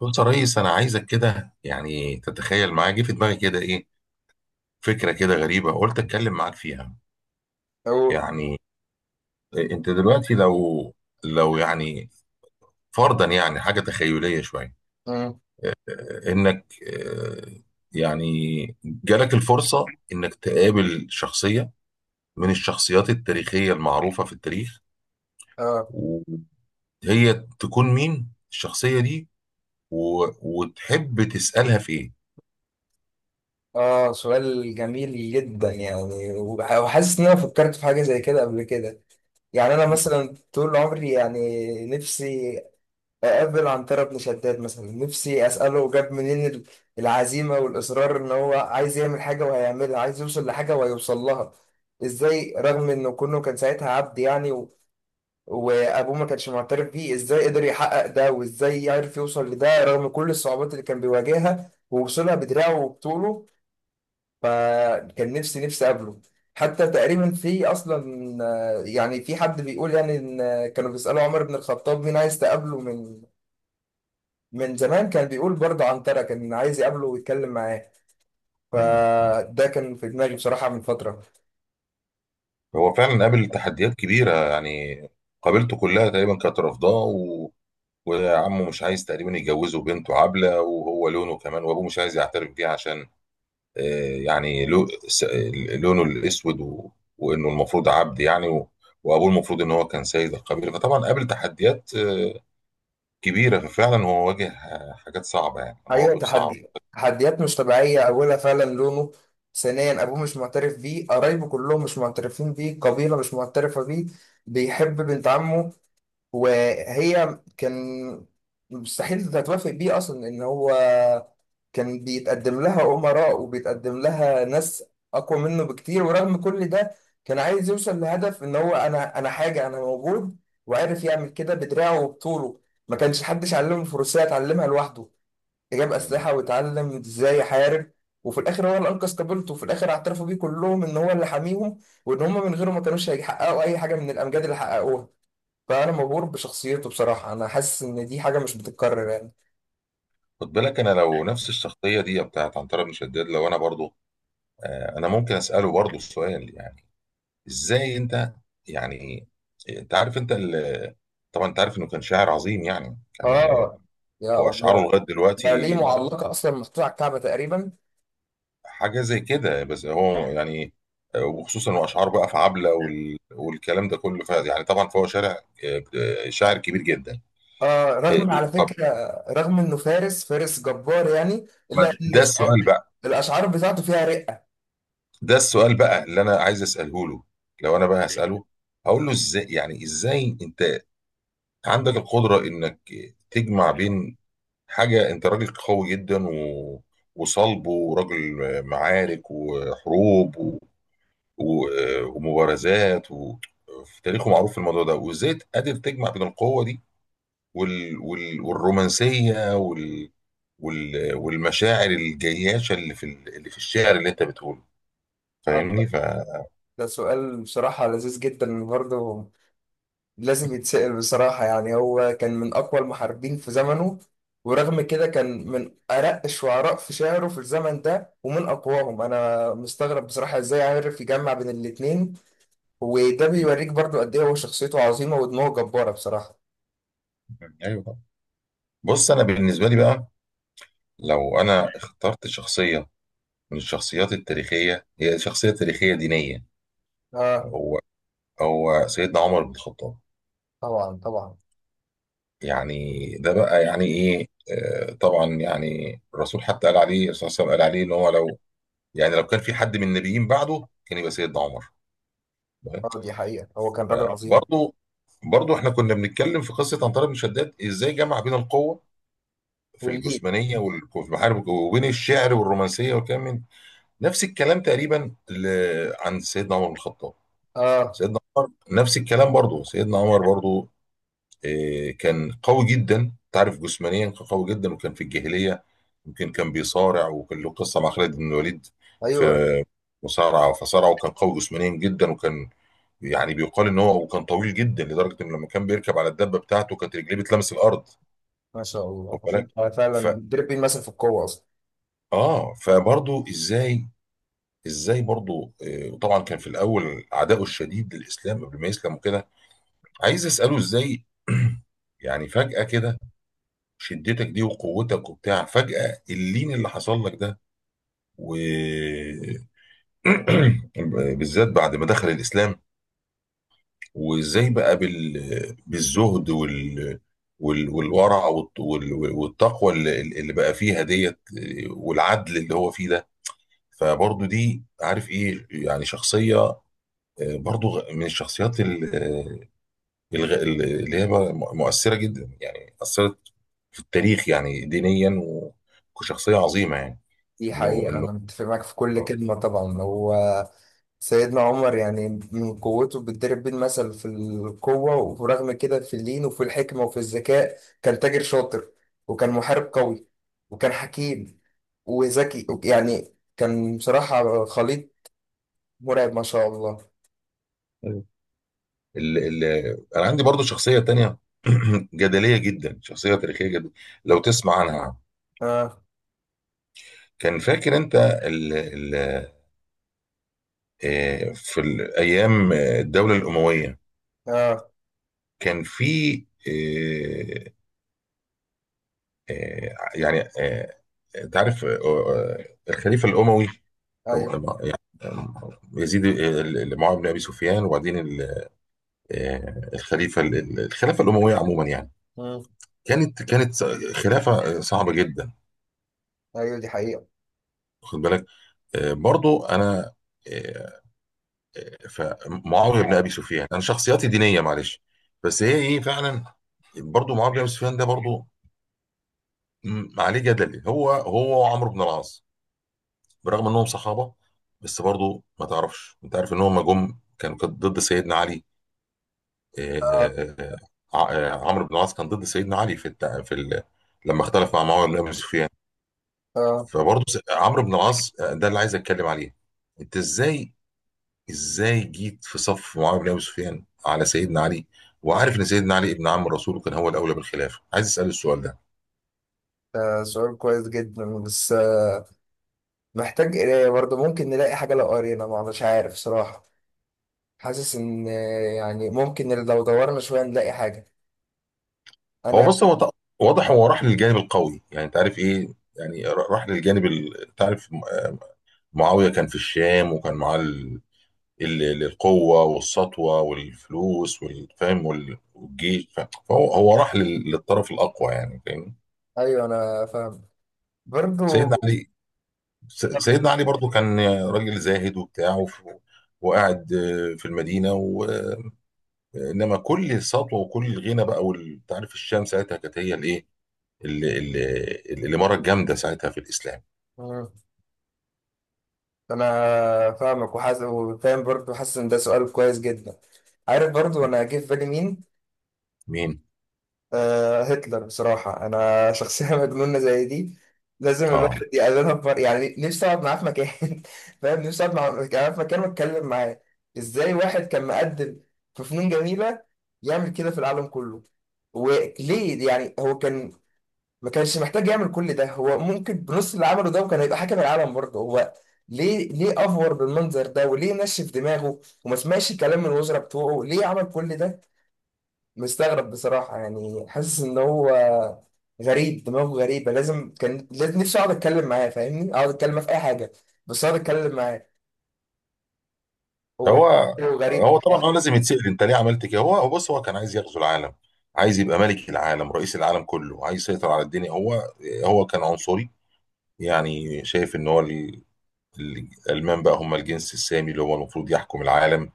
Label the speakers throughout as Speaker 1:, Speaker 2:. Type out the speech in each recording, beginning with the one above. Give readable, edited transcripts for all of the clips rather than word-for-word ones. Speaker 1: بص يا ريس، انا عايزك كده. تتخيل معايا جه في دماغي كده ايه، فكره كده غريبه، قلت اتكلم معاك فيها.
Speaker 2: أوه.
Speaker 1: يعني انت دلوقتي لو لو يعني فرضا، حاجه تخيليه شويه،
Speaker 2: مم.
Speaker 1: انك آه، يعني جالك الفرصه انك تقابل شخصيه من الشخصيات التاريخيه المعروفه في التاريخ،
Speaker 2: اه
Speaker 1: وهي تكون مين الشخصيه دي، و- وتحب تسالها في
Speaker 2: اه، سؤال جميل جدا. يعني وحاسس ان انا فكرت في حاجه زي كده قبل كده. يعني انا
Speaker 1: ايه.
Speaker 2: مثلا طول عمري يعني نفسي اقابل عنتره بن شداد، مثلا نفسي اساله جاب منين العزيمه والاصرار، ان هو عايز يعمل حاجه وهيعملها، عايز يوصل لحاجه وهيوصل لها، ازاي رغم انه كونه كان ساعتها عبد يعني، وابوه ما كانش معترف بيه، ازاي قدر يحقق ده وازاي عرف يوصل لده رغم كل الصعوبات اللي كان بيواجهها، ووصلها بدراعه وبطوله. فكان نفسي اقابله. حتى تقريبا في اصلا، يعني في حد بيقول يعني ان، كانوا بيسالوا عمر بن الخطاب مين عايز تقابله من زمان، كان بيقول برضه عنترة كان عايز يقابله ويتكلم معاه. فده كان في دماغي بصراحة من فترة.
Speaker 1: هو فعلا قابل تحديات كبيرة، يعني قابلته كلها تقريبا كانت رافضاه وعمه مش عايز تقريبا يجوزه بنته عبلة، وهو لونه كمان، وابوه مش عايز يعترف بيه عشان آه، يعني لو... س- لونه الاسود وانه المفروض عبد، يعني وابوه المفروض ان هو كان سيد القبيلة. فطبعا قابل تحديات آه، كبيرة. ففعلا هو واجه حاجات صعبة، يعني
Speaker 2: ايوه،
Speaker 1: مواقف صعبة.
Speaker 2: تحدي، تحديات مش طبيعيه. اولها فعلا لونه، ثانيا ابوه مش معترف بيه، قرايبه كلهم مش معترفين بيه، القبيله مش معترفه بيه، بيحب بنت عمه وهي كان مستحيل تتوافق بيه اصلا، ان هو كان بيتقدم لها امراء وبيتقدم لها ناس اقوى منه بكتير. ورغم كل ده كان عايز يوصل لهدف ان هو، انا حاجه، انا موجود. وعرف يعمل كده بدراعه وبطوله. ما كانش حدش علمه الفروسية، اتعلمها لوحده، جاب
Speaker 1: مم.
Speaker 2: أسلحة واتعلم إزاي يحارب. وفي الآخر هو اللي أنقذ قبيلته، وفي الآخر اعترفوا بيه كلهم إن هو اللي حاميهم، وإن هم من غيره ما كانوش هيحققوا أي حاجة من الأمجاد اللي حققوها. فأنا مبهور بشخصيته بصراحة، أنا حاسس إن دي حاجة مش بتتكرر يعني.
Speaker 1: خد بالك، انا لو نفس الشخصية دي بتاعت عنترة بن شداد، لو انا برضو آه، انا ممكن اسأله برضو السؤال، ازاي انت، يعني انت عارف انت طبعا انت عارف انه كان شاعر عظيم، يعني كان
Speaker 2: آه، يا
Speaker 1: واشعاره
Speaker 2: الله.
Speaker 1: لغايه
Speaker 2: ده ليه
Speaker 1: دلوقتي
Speaker 2: معلقة أصلا محطوطة على الكعبة تقريبا.
Speaker 1: حاجه زي كده. بس هو يعني وخصوصا واشعار بقى في عبله والكلام ده كله، يعني طبعا فهو شاعر شاعر كبير جدا.
Speaker 2: آه، رغم على
Speaker 1: طب،
Speaker 2: فكرة، رغم إنه فارس، فارس جبار يعني،
Speaker 1: ما
Speaker 2: إلا إن
Speaker 1: ده السؤال بقى.
Speaker 2: الأشعار بتاعته فيها رقة.
Speaker 1: ده السؤال بقى اللي انا عايز اساله له. لو انا بقى هساله، هقول له ازاي، يعني ازاي انت عندك القدره انك تجمع بين حاجة انت راجل قوي جدا وصلب، وراجل معارك وحروب و... ومبارزات في تاريخه معروف في الموضوع ده، وازاي قادر تجمع بين القوة دي والرومانسية والمشاعر الجياشة اللي في اللي في الشعر اللي انت بتقوله.
Speaker 2: آه،
Speaker 1: فاهمني؟ ف
Speaker 2: ده سؤال بصراحة لذيذ جدا برضه، لازم يتسأل بصراحة. يعني هو كان من أقوى المحاربين في زمنه، ورغم كده كان من أرق الشعراء في شعره في الزمن ده ومن أقواهم. أنا مستغرب بصراحة إزاي عارف يجمع بين الاتنين. وده بيوريك برضو قد إيه هو شخصيته عظيمة ودماغه جبارة بصراحة.
Speaker 1: ايوه طبعا. بص، انا بالنسبة لي بقى، لو انا اخترت شخصية من الشخصيات التاريخية، هي شخصية تاريخية دينية،
Speaker 2: آه،
Speaker 1: هو سيدنا عمر بن الخطاب.
Speaker 2: طبعا طبعا.
Speaker 1: يعني ده بقى يعني ايه، آه، طبعا يعني الرسول حتى قال عليه، الرسول صلى الله عليه وسلم قال عليه ان هو لو، يعني لو كان في حد من النبيين بعده كان يبقى سيدنا عمر.
Speaker 2: آه، دي حقيقة هو كان راجل عظيم.
Speaker 1: برضه، برضه احنا كنا بنتكلم في قصه عنتر بن شداد ازاي جمع بين القوه في
Speaker 2: والليل.
Speaker 1: الجسمانيه والمحارب، وبين الشعر والرومانسيه والكلام. من نفس الكلام تقريبا عن سيدنا عمر بن الخطاب.
Speaker 2: آه،
Speaker 1: سيدنا عمر نفس الكلام برضه. سيدنا عمر برضه آه، كان قوي جدا، تعرف جسمانيا كان قوي جدا. وكان في الجاهلية يمكن كان بيصارع، وكان له قصة مع خالد بن الوليد في
Speaker 2: أيوه.
Speaker 1: مصارعة، فصارع وكان قوي جسمانيا جدا. وكان يعني بيقال ان هو وكان طويل جدا، لدرجة ان لما كان بيركب على الدابة بتاعته كانت رجليه بتلمس الارض.
Speaker 2: ما شاء الله،
Speaker 1: واخد بالك.
Speaker 2: هو
Speaker 1: ف
Speaker 2: فعلا دربين مثلا في القوة أصلا.
Speaker 1: اه، فبرضه ازاي، ازاي برضه آه، وطبعا كان في الاول عداؤه الشديد للاسلام قبل ما يسلم وكده. عايز اساله ازاي، يعني فجأة كده شدتك دي وقوتك وبتاع، فجأة اللين اللي حصل لك ده و بالذات بعد ما دخل الإسلام. وإزاي بقى بالزهد والورع والتقوى اللي بقى فيها ديت، والعدل اللي هو فيه ده. فبرضه دي عارف إيه، يعني شخصية آه، برضه من الشخصيات اللي هي بقى مؤثرة جدا، يعني أثرت في التاريخ، يعني دينيا وكشخصية عظيمة يعني.
Speaker 2: دي
Speaker 1: إنه
Speaker 2: حقيقة
Speaker 1: إنه
Speaker 2: أنا متفق معاك في كل كلمة. طبعا هو سيدنا عمر يعني من قوته بيتضرب بيه المثل في القوة، ورغم كده في اللين وفي الحكمة وفي الذكاء. كان تاجر شاطر، وكان محارب قوي، وكان حكيم وذكي يعني كان بصراحة خليط مرعب ما شاء الله.
Speaker 1: أيوة. ال ال أنا عندي برضو شخصية تانية، جدلية جدا، شخصية تاريخية جدا لو تسمع عنها.
Speaker 2: اه،
Speaker 1: كان فاكر أنت ال ال آه، في الأيام آه، الدولة الأموية.
Speaker 2: اه،
Speaker 1: كان في آه، آه، يعني آه، انت عارف آه، آه، الخليفه الاموي
Speaker 2: ايوه.
Speaker 1: آه، يعني آه، يزيد، آه، اللي معاويه بن ابي سفيان، وبعدين آه، الخليفه الخلافه الامويه عموما يعني،
Speaker 2: مم.
Speaker 1: كانت خلافه صعبه جدا.
Speaker 2: ايوه، دي حقيقة.
Speaker 1: واخد بالك. آه، برضو انا آه، آه، فمعاويه بن ابي سفيان، انا شخصياتي دينيه معلش بس هي ايه فعلا. برضو معاويه بن ابي سفيان ده برضو عليه جدل، هو وعمرو بن العاص، برغم انهم صحابه، بس برضو ما تعرفش، انت عارف ان هم جم كانوا، كانت ضد سيدنا علي.
Speaker 2: اه،
Speaker 1: آه، آه، عمرو بن العاص كان ضد سيدنا علي في لما اختلف مع معاويه بن ابي سفيان.
Speaker 2: اه،
Speaker 1: فبرضو عمرو بن العاص آه، ده اللي عايز اتكلم عليه. انت ازاي، ازاي جيت في صف معاويه بن ابي سفيان على سيدنا علي، وعارف ان سيدنا علي ابن عم الرسول وكان هو الاولى بالخلافه؟ عايز اسال السؤال ده.
Speaker 2: ده سؤال كويس جدا. بس محتاج قراية برضه، ممكن نلاقي حاجة لو قرينا، ما مش عارف صراحة. حاسس ان، يعني ممكن لو دورنا شوية نلاقي حاجة.
Speaker 1: هو
Speaker 2: انا.
Speaker 1: بص، هو واضح هو راح للجانب القوي، يعني انت عارف ايه، يعني راح للجانب تعرف معاوية كان في الشام، وكان معاه القوة والسطوة والفلوس والفهم والجيش، فهو راح للطرف الأقوى، يعني فاهمني.
Speaker 2: ايوه، انا فاهم برضو.
Speaker 1: سيدنا علي، سيدنا علي برضو كان راجل زاهد وبتاع وقاعد آه، في المدينة و- انما كل السطوة وكل الغنى بقى أنت عارف الشام ساعتها كانت هي الايه، الإمارة الجامدة ساعتها في الإسلام.
Speaker 2: مم. انا فاهمك وحاسس وفاهم برضو، حاسس ان ده سؤال كويس جدا. عارف برضو انا جه في بالي مين؟
Speaker 1: مين؟
Speaker 2: آه، هتلر بصراحه. انا شخصيه مجنونه زي دي لازم
Speaker 1: اه،
Speaker 2: الواحد يقابلها بمر... يعني نفسي اقعد معاه في مكان فاهم، نفسي اقعد معاه في مكان واتكلم معاه. ازاي واحد كان مقدم في فنون جميله يعمل كده في العالم كله؟ وليه؟ يعني هو كان ما كانش محتاج يعمل كل ده، هو ممكن بنص اللي عمله ده وكان هيبقى حاكم العالم برضه. هو ليه؟ ليه افور بالمنظر ده، وليه نشف دماغه وما سمعش كلام من الوزراء بتوعه؟ ليه عمل كل ده؟ مستغرب بصراحة. يعني حاسس ان هو غريب، دماغه غريبة. لازم كان لازم، نفسي اقعد اتكلم معاه، فاهمني، اقعد اتكلم معاه في اي حاجة، بس اقعد اتكلم معاه. هو،
Speaker 1: هو
Speaker 2: هو غريب.
Speaker 1: هو طبعا هو لازم يتسأل انت ليه عملت كده. هو بص، هو كان عايز يغزو العالم، عايز يبقى ملك العالم، رئيس العالم كله، عايز يسيطر على الدنيا. هو كان عنصري، يعني شايف ان هو الالمان بقى هم الجنس السامي، اللي هو المفروض يحكم العالم.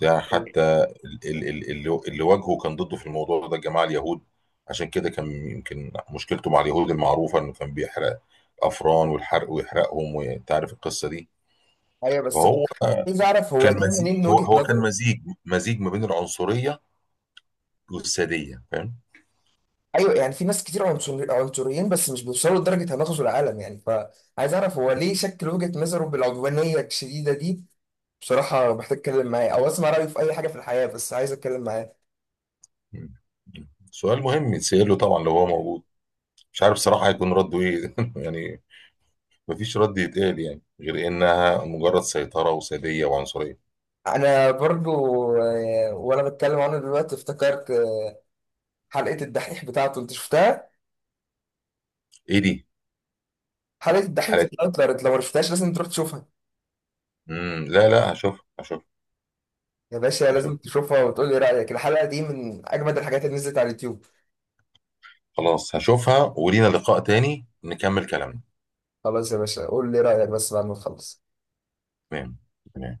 Speaker 1: ده حتى اللي اللي واجهه كان ضده في الموضوع ده الجماعه اليهود، عشان كده كان يمكن مشكلته مع اليهود المعروفه انه كان بيحرق الافران والحرق ويحرقهم، وانت عارف القصه دي.
Speaker 2: ايوه بس
Speaker 1: فهو
Speaker 2: عايز اعرف هو
Speaker 1: كان
Speaker 2: ده
Speaker 1: مزيج،
Speaker 2: منين،
Speaker 1: هو
Speaker 2: وجهة
Speaker 1: هو كان
Speaker 2: نظره.
Speaker 1: مزيج، مزيج ما بين العنصرية والسادية، فاهم.
Speaker 2: ايوه يعني في ناس كتير عنصريين، بس مش بيوصلوا لدرجه هنغزو العالم يعني. فعايز اعرف هو ليه شكل وجهه نظره بالعدوانيه الشديده دي. بصراحه محتاج اتكلم معاه، او اسمع رايه في اي حاجه في الحياه، بس عايز اتكلم معاه.
Speaker 1: مم. سؤال مهم يتسأل له طبعا لو هو موجود. مش عارف صراحة هيكون رده ايه يعني. مفيش رد يتقال يعني غير انها مجرد سيطرة وسادية وعنصرية.
Speaker 2: انا برضو، وانا بتكلم عنه دلوقتي افتكرت، حلقه الدحيح بتاعته، انت شفتها؟
Speaker 1: ايه دي
Speaker 2: حلقه الدحيح
Speaker 1: حالات.
Speaker 2: بتاعت هتلر، انت لو ما شفتهاش لازم تروح تشوفها.
Speaker 1: مم. لا هشوفها، هشوفها
Speaker 2: يا باشا لازم
Speaker 1: هشوفها
Speaker 2: تشوفها وتقول لي رايك، الحلقه دي من اجمد الحاجات اللي نزلت على اليوتيوب.
Speaker 1: خلاص. هشوفها ولينا لقاء تاني نكمل كلامنا.
Speaker 2: خلاص يا باشا قول لي رايك بس بعد ما تخلص.
Speaker 1: تمام. تمام